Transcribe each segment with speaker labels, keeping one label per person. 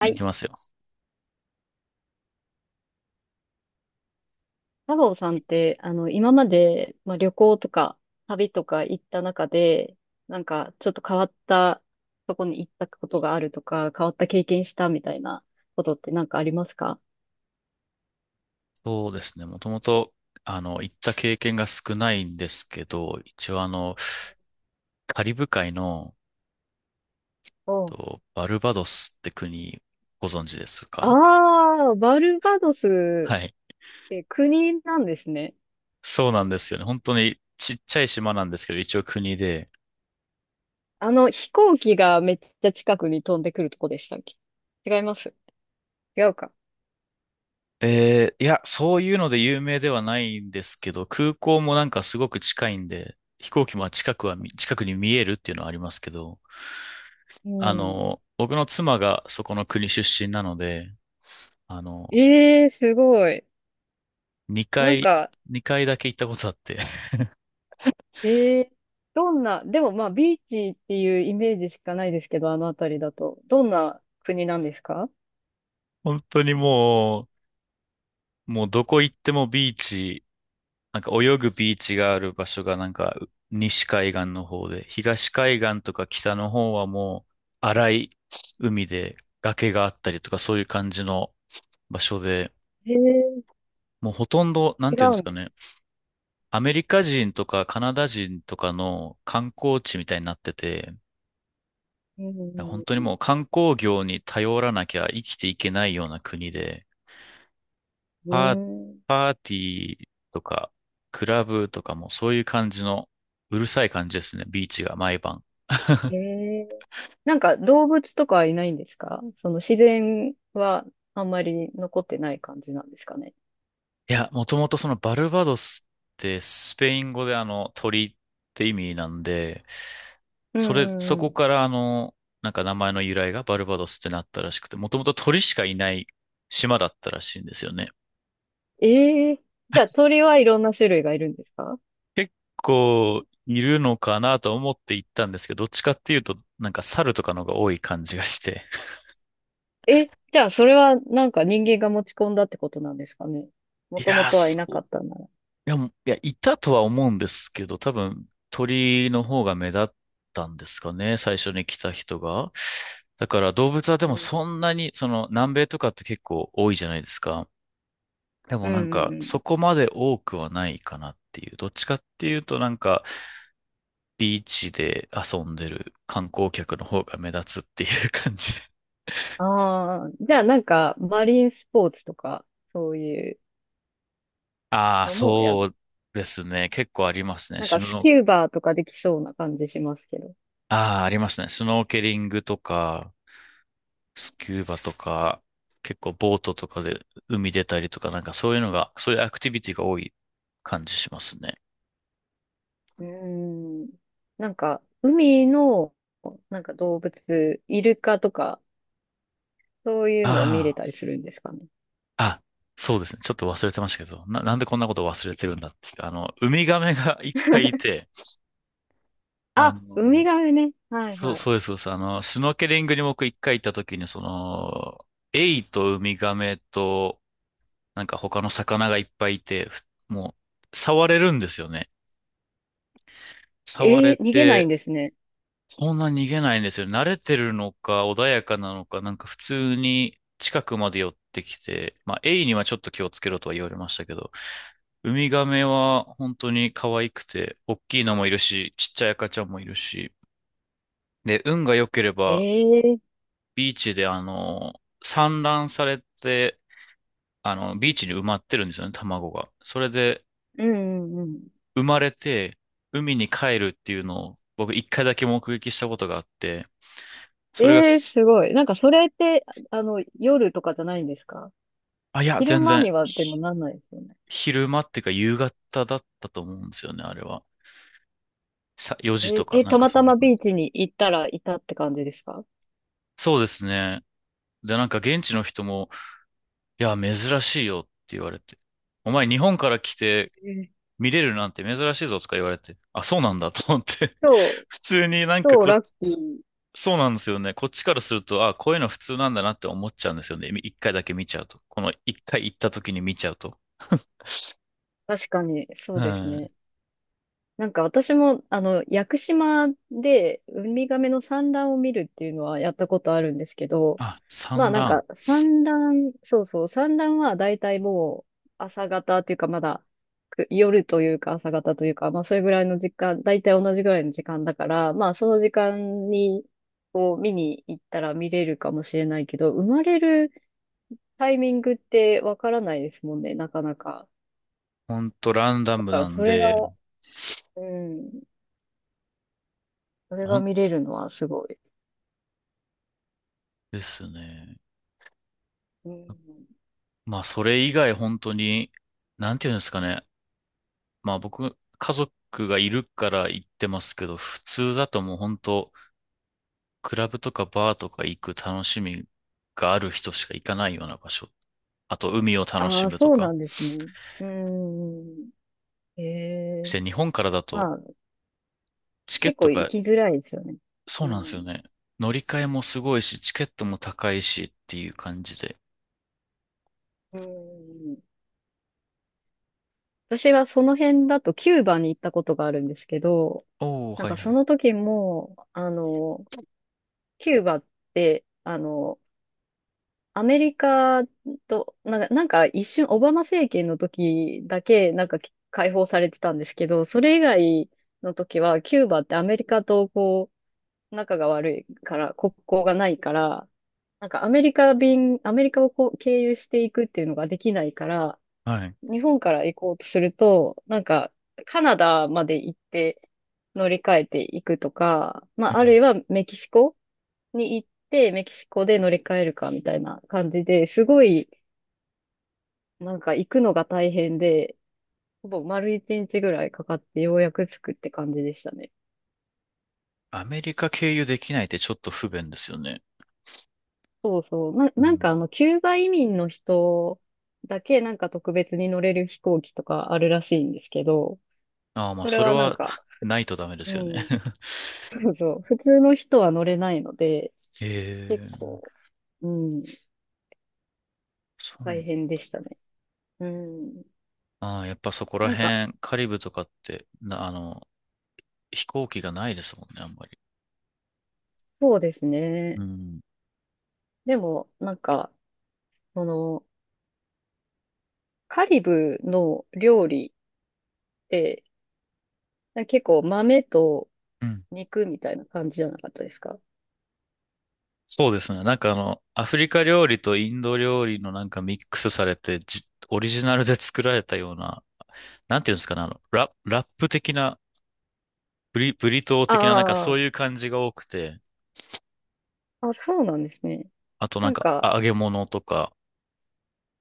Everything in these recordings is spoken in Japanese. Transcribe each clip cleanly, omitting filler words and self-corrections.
Speaker 1: は
Speaker 2: 行き
Speaker 1: い。
Speaker 2: ますよ。
Speaker 1: 太郎さんって、今まで、まあ、旅行とか、旅とか行った中で、なんか、ちょっと変わったとこに行ったことがあるとか、変わった経験したみたいなことってなんかありますか？
Speaker 2: そうですね。もともと、行った経験が少ないんですけど、一応カリブ海の、
Speaker 1: おう。
Speaker 2: と、バルバドスって国、ご存知ですか？
Speaker 1: ああ、バルバドス
Speaker 2: はい。
Speaker 1: って国なんですね。
Speaker 2: そうなんですよね。本当にちっちゃい島なんですけど、一応国で。
Speaker 1: 飛行機がめっちゃ近くに飛んでくるとこでしたっけ？違います。違うか。
Speaker 2: いや、そういうので有名ではないんですけど、空港もなんかすごく近いんで、飛行機も近くに見えるっていうのはありますけど、
Speaker 1: うん。
Speaker 2: 僕の妻がそこの国出身なので、あの、
Speaker 1: ええー、すごい。
Speaker 2: 2
Speaker 1: なん
Speaker 2: 回、
Speaker 1: か、
Speaker 2: 2回だけ行ったことあって、
Speaker 1: ええどんな、でもまあビーチっていうイメージしかないですけど、あの辺りだと。どんな国なんですか？
Speaker 2: 本当にもうどこ行ってもビーチ、なんか泳ぐビーチがある場所がなんか西海岸の方で、東海岸とか北の方はもう荒い海で崖があったりとかそういう感じの場所で、
Speaker 1: ええ。
Speaker 2: もうほとんど、なん
Speaker 1: 違
Speaker 2: ていうんで
Speaker 1: う
Speaker 2: す
Speaker 1: ん
Speaker 2: か
Speaker 1: です。
Speaker 2: ね、アメリカ人とかカナダ人とかの観光地みたいになってて、
Speaker 1: う
Speaker 2: 本当に
Speaker 1: ん
Speaker 2: もう観光業に頼らなきゃ生きていけないような国で、
Speaker 1: うんう
Speaker 2: パー、
Speaker 1: ん。うーん。
Speaker 2: パーティーとか、クラブとかもそういう感じの、うるさい感じですね、ビーチが毎晩。
Speaker 1: ええ。なんか動物とかはいないんですか？その自然はあんまり残ってない感じなんですかね。
Speaker 2: いや、もともとそのバルバドスってスペイン語で鳥って意味なんで、
Speaker 1: うんう
Speaker 2: そ
Speaker 1: んう
Speaker 2: こ
Speaker 1: ん。
Speaker 2: からなんか名前の由来がバルバドスってなったらしくて、もともと鳥しかいない島だったらしいんですよね。
Speaker 1: ええ。じゃあ鳥はいろんな種類がいるんですか？
Speaker 2: 結構いるのかなと思って行ったんですけど、どっちかっていうと、なんか猿とかのが多い感じがして。
Speaker 1: え、じゃあそれはなんか人間が持ち込んだってことなんですかね。も
Speaker 2: い
Speaker 1: とも
Speaker 2: やー、
Speaker 1: とはいなか
Speaker 2: そ
Speaker 1: ったなら。
Speaker 2: いや、もいや、いたとは思うんですけど、多分鳥の方が目立ったんですかね、最初に来た人が。だから動物はで
Speaker 1: う
Speaker 2: も
Speaker 1: ん。
Speaker 2: そんなに、その南米とかって結構多いじゃないですか。で
Speaker 1: う
Speaker 2: も
Speaker 1: ん
Speaker 2: なん
Speaker 1: うんう
Speaker 2: か
Speaker 1: ん。
Speaker 2: そこまで多くはないかなっていう。どっちかっていうとなんかビーチで遊んでる観光客の方が目立つっていう 感じで。
Speaker 1: ああ、じゃあなんか、マリンスポーツとか、そういう
Speaker 2: ああ、
Speaker 1: のもや
Speaker 2: そ
Speaker 1: る、
Speaker 2: うですね。結構ありますね。
Speaker 1: なん
Speaker 2: シ
Speaker 1: か
Speaker 2: ュ
Speaker 1: ス
Speaker 2: ノ、
Speaker 1: キューバーとかできそうな感じしますけど。
Speaker 2: ああ、ありますね。スノーケリングとか、スキューバとか、結構ボートとかで海出たりとか、なんかそういうのが、そういうアクティビティが多い感じしますね。
Speaker 1: うーん。なんか、海の、なんか動物、イルカとか、そういうのは見れ
Speaker 2: あ
Speaker 1: たりするんですかね。
Speaker 2: あ、あ、そうですね。ちょっと忘れてましたけど、なんでこんなこと忘れてるんだっていう。ウミガメが いっぱいいて、あ
Speaker 1: あ、ウミ
Speaker 2: の、
Speaker 1: ガメね。はいはい。
Speaker 2: そうです、そうです。シュノーケリングに僕一回行った時に、その、エイとウミガメと、なんか他の魚がいっぱいいて、もう、触れるんですよね。触
Speaker 1: え
Speaker 2: れ
Speaker 1: えー、逃げないん
Speaker 2: て、
Speaker 1: ですね。
Speaker 2: そんな逃げないんですよ。慣れてるのか、穏やかなのか、なんか普通に近くまで寄ってきて、まあ、エイにはちょっと気をつけろとは言われましたけど、ウミガメは本当に可愛くて、大きいのもいるし、ちっちゃい赤ちゃんもいるし、で、運が良けれ
Speaker 1: え
Speaker 2: ば、
Speaker 1: えー。
Speaker 2: ビーチで産卵されて、ビーチに埋まってるんですよね、卵が。それで、
Speaker 1: うんうんうん。
Speaker 2: 生まれて、海に帰るっていうのを、僕一回だけ目撃したことがあって、それが、
Speaker 1: ええ、すごい。なんかそれって、夜とかじゃないんですか？
Speaker 2: あ、いや、
Speaker 1: 昼
Speaker 2: 全
Speaker 1: 間
Speaker 2: 然、
Speaker 1: にはでもなんないですよね。
Speaker 2: 昼間っていうか夕方だったと思うんですよね、あれは。4時と
Speaker 1: え、
Speaker 2: か、
Speaker 1: え、
Speaker 2: なん
Speaker 1: た
Speaker 2: か
Speaker 1: ま
Speaker 2: そ
Speaker 1: た
Speaker 2: んな
Speaker 1: ま
Speaker 2: 感
Speaker 1: ビー
Speaker 2: じ。
Speaker 1: チに行ったらいたって感じですか？
Speaker 2: そうですね。で、なんか現地の人も、いや、珍しいよって言われて。お前日本から来て
Speaker 1: えー。
Speaker 2: 見れるなんて珍しいぞとか言われて。あ、そうなんだと思って。
Speaker 1: 超、
Speaker 2: 普通になんか
Speaker 1: 超
Speaker 2: こ、
Speaker 1: ラッキー。
Speaker 2: そうなんですよね。こっちからすると、あ、こういうの普通なんだなって思っちゃうんですよね。一回だけ見ちゃうと。この一回行った時に見ちゃうと。
Speaker 1: 確かに、そ
Speaker 2: う
Speaker 1: うです
Speaker 2: ん。
Speaker 1: ね。なんか私も、屋久島でウミガメの産卵を見るっていうのはやったことあるんですけど、
Speaker 2: あ、
Speaker 1: まあ
Speaker 2: 産
Speaker 1: なんか
Speaker 2: 卵。
Speaker 1: 産卵、そうそう、産卵はだいたいもう朝方っていうかまだく夜というか朝方というか、まあそれぐらいの時間、だいたい同じぐらいの時間だから、まあその時間にこう見に行ったら見れるかもしれないけど、生まれるタイミングってわからないですもんね、なかなか。
Speaker 2: ほんとランダ
Speaker 1: だ
Speaker 2: ム
Speaker 1: から
Speaker 2: なん
Speaker 1: それ
Speaker 2: で、
Speaker 1: が、うん、それ
Speaker 2: ほ
Speaker 1: が
Speaker 2: ん
Speaker 1: 見れるのはすごい。
Speaker 2: ですね。
Speaker 1: うん。
Speaker 2: まあ、それ以外本当に、なんていうんですかね。まあ、僕、家族がいるから行ってますけど、普通だともう本当、クラブとかバーとか行く楽しみがある人しか行かないような場所。あと、海を楽し
Speaker 1: ああ、
Speaker 2: むと
Speaker 1: そうな
Speaker 2: か。
Speaker 1: んですね。うん。へえ。
Speaker 2: 日本からだと、
Speaker 1: まあ
Speaker 2: チケッ
Speaker 1: 結
Speaker 2: ト
Speaker 1: 構行
Speaker 2: が、
Speaker 1: きづらいですよね。
Speaker 2: そう
Speaker 1: う
Speaker 2: なんですよ
Speaker 1: ん。
Speaker 2: ね。乗り換えもすごいし、チケットも高いしっていう感じで。
Speaker 1: うん。私はその辺だとキューバに行ったことがあるんですけど、
Speaker 2: おー、
Speaker 1: なん
Speaker 2: はい
Speaker 1: か
Speaker 2: は
Speaker 1: そ
Speaker 2: い。
Speaker 1: の時も、キューバって、アメリカと、なんか、なんか一瞬オバマ政権の時だけなんか解放されてたんですけど、それ以外の時はキューバってアメリカとこう、仲が悪いから、国交がないから、なんかアメリカ便、アメリカをこう経由していくっていうのができないから、
Speaker 2: はい。
Speaker 1: 日本から行こうとすると、なんか、カナダまで行って乗り換えていくとか、ま
Speaker 2: う
Speaker 1: あ、
Speaker 2: ん。
Speaker 1: あるいはメキシコに行って、メキシコで乗り換えるかみたいな感じで、すごい、なんか行くのが大変で、ほぼ丸一日ぐらいかかってようやく着くって感じでしたね。
Speaker 2: アメリカ経由できないってちょっと不便ですよね。
Speaker 1: そうそう。な、
Speaker 2: う
Speaker 1: なんか
Speaker 2: ん。
Speaker 1: キューバ移民の人だけなんか特別に乗れる飛行機とかあるらしいんですけど、
Speaker 2: ああ、まあ、
Speaker 1: それ
Speaker 2: それ
Speaker 1: はなん
Speaker 2: は
Speaker 1: か、
Speaker 2: ないとダメです
Speaker 1: う
Speaker 2: よね。
Speaker 1: ん。そうそう。普通の人は乗れないので、結
Speaker 2: ええ、
Speaker 1: 構、うん、
Speaker 2: そ
Speaker 1: 大
Speaker 2: う。
Speaker 1: 変でしたね。うん。
Speaker 2: ああ、やっぱそこら
Speaker 1: なんか、
Speaker 2: 辺、カリブとかって、な、あの、飛行機がないですもんね、あんまり。
Speaker 1: そうです
Speaker 2: う
Speaker 1: ね。
Speaker 2: ん。
Speaker 1: でも、なんか、その、カリブの料理って、なんか結構豆と
Speaker 2: うん。
Speaker 1: 肉みたいな感じじゃなかったですか？
Speaker 2: そうですね。なんかアフリカ料理とインド料理のなんかミックスされて、オリジナルで作られたような、なんていうんですかね、ラップ的な、ブリトー的な、なんかそ
Speaker 1: あ
Speaker 2: ういう感じが多くて、
Speaker 1: あ、あ、そうなんですね。
Speaker 2: あと
Speaker 1: な
Speaker 2: なん
Speaker 1: ん
Speaker 2: か
Speaker 1: か、
Speaker 2: 揚げ物とか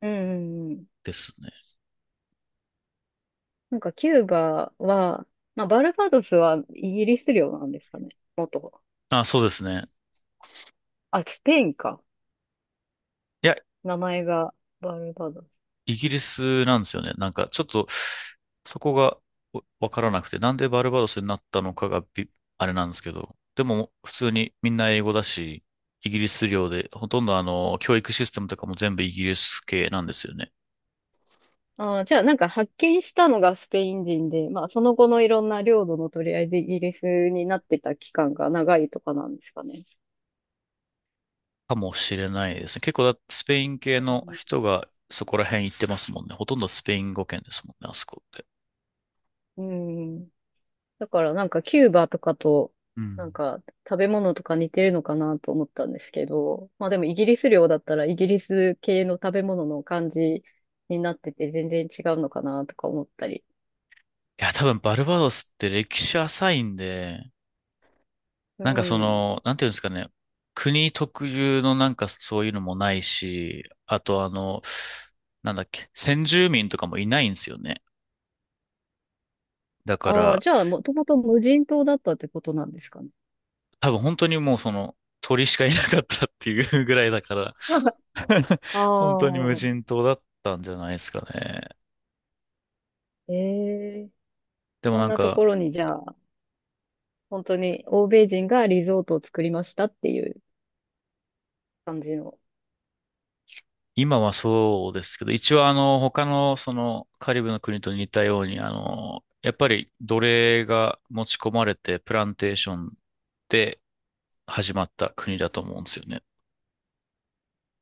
Speaker 1: うんうんうん、
Speaker 2: ですね。
Speaker 1: なんかキューバは、まあ、バルバドスはイギリス領なんですかね。元。
Speaker 2: あ、そうですね。
Speaker 1: あ、スペインか。
Speaker 2: いや、
Speaker 1: 名前がバルバド。
Speaker 2: イギリスなんですよね。なんかちょっとそこがわからなくて、なんでバルバドスになったのかがあれなんですけど、でも普通にみんな英語だし、イギリス領で、ほとんど教育システムとかも全部イギリス系なんですよね。
Speaker 1: ああ、じゃあなんか発見したのがスペイン人で、まあその後のいろんな領土の取り合いでイギリスになってた期間が長いとかなんですかね。
Speaker 2: かもしれないですね。結構だ、スペイン系の人がそこら辺行ってますもんね。ほとんどスペイン語圏ですもんね、あそこって。
Speaker 1: うん。うん。だからなんかキューバとかと、
Speaker 2: う
Speaker 1: なん
Speaker 2: ん。
Speaker 1: か食べ物とか似てるのかなと思ったんですけど、まあでもイギリス領だったらイギリス系の食べ物の感じになってて全然違うのかなとか思ったり。
Speaker 2: いや、多分バルバドスって歴史浅いんで、
Speaker 1: う
Speaker 2: なんかそ
Speaker 1: ん。
Speaker 2: の、なんていうんですかね、国特有のなんかそういうのもないし、あとなんだっけ、先住民とかもいないんですよね。だか
Speaker 1: ああ、
Speaker 2: ら、
Speaker 1: じゃあもともと無人島だったってことなんですかね。
Speaker 2: 多分本当にもうその、鳥しかいなかったっていうぐらいだから、
Speaker 1: あ
Speaker 2: 本当に無
Speaker 1: あ。
Speaker 2: 人島だったんじゃないですかね。
Speaker 1: ええ、
Speaker 2: でも
Speaker 1: そ
Speaker 2: な
Speaker 1: ん
Speaker 2: ん
Speaker 1: なとこ
Speaker 2: か、
Speaker 1: ろに、じゃあ、本当に欧米人がリゾートを作りましたっていう感じの。
Speaker 2: 今はそうですけど、一応他のその、カリブの国と似たように、やっぱり奴隷が持ち込まれて、プランテーションで始まった国だと思うんですよね。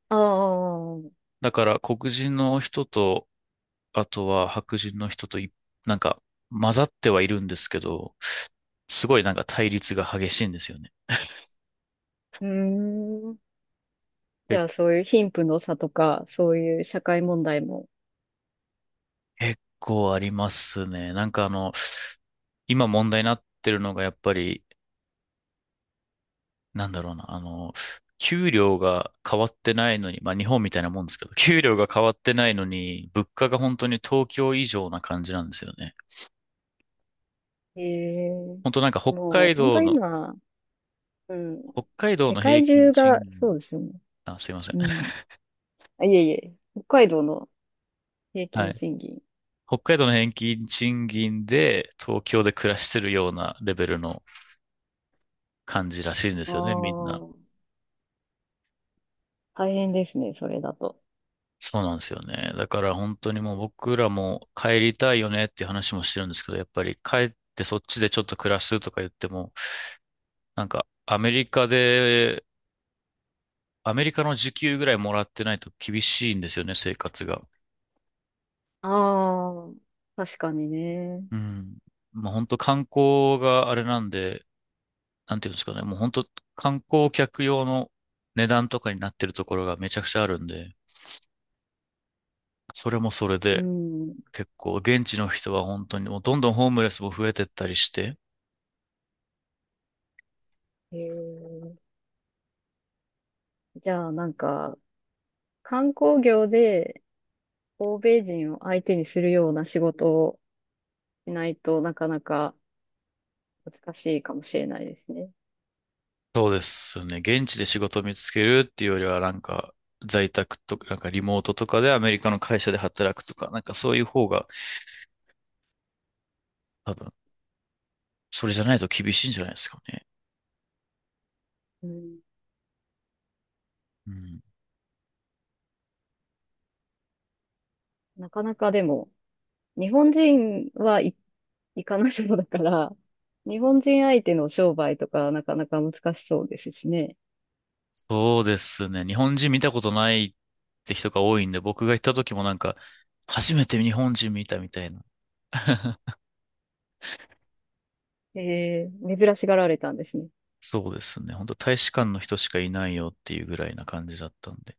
Speaker 1: ああ、う
Speaker 2: だから黒人の人と、あとは白人の人と、なんか混ざってはいるんですけど、すごいなんか対立が激しいんですよね。
Speaker 1: ーん。じ
Speaker 2: え
Speaker 1: ゃあ、そういう貧富の差とか、そういう社会問題も。
Speaker 2: 結構ありますね。なんか今問題になってるのがやっぱり、なんだろうな、給料が変わってないのに、まあ日本みたいなもんですけど、給料が変わってないのに、物価が本当に東京以上な感じなんですよね。
Speaker 1: ええ、
Speaker 2: 本当なんか
Speaker 1: もう、本当今、うん。
Speaker 2: 北海道
Speaker 1: 世
Speaker 2: の平
Speaker 1: 界
Speaker 2: 均
Speaker 1: 中
Speaker 2: 賃
Speaker 1: が、
Speaker 2: 金、
Speaker 1: そうですよね。
Speaker 2: あ、すいません。
Speaker 1: うん。あ、いえいえ、北海道の平
Speaker 2: は
Speaker 1: 均
Speaker 2: い。
Speaker 1: 賃金。
Speaker 2: 北海道の平均賃金で東京で暮らしてるようなレベルの感じらしいんで
Speaker 1: あ
Speaker 2: すよね、みん
Speaker 1: あ、
Speaker 2: な。
Speaker 1: 大変ですね、それだと。
Speaker 2: そうなんですよね。だから本当にもう僕らも帰りたいよねっていう話もしてるんですけど、やっぱり帰ってそっちでちょっと暮らすとか言っても、なんかアメリカの時給ぐらいもらってないと厳しいんですよね、生活が。
Speaker 1: ああ、確かにね。
Speaker 2: うん。まあ本当観光があれなんで、なんていうんですかね、もう本当観光客用の値段とかになってるところがめちゃくちゃあるんで、それもそれ
Speaker 1: う
Speaker 2: で
Speaker 1: ん。
Speaker 2: 結構現地の人は本当にもうどんどんホームレスも増えてったりして、
Speaker 1: へえ。じゃあ、なんか、観光業で欧米人を相手にするような仕事をしないとなかなか難しいかもしれないですね。
Speaker 2: そうですよね、現地で仕事を見つけるっていうよりはなんか在宅とか、なんかリモートとかでアメリカの会社で働くとか、なんかそういう方が多分、それじゃないと厳しいんじゃないですかね。
Speaker 1: うん、
Speaker 2: うん。
Speaker 1: なかなかでも、日本人はい行かないそうだから、日本人相手の商売とかなかなか難しそうですしね。
Speaker 2: そうですね、日本人見たことないって人が多いんで、僕が行った時もなんか、初めて日本人見たみたいな。
Speaker 1: えー、珍しがられたんですね。
Speaker 2: そうですね。本当大使館の人しかいないよっていうぐらいな感じだったんで。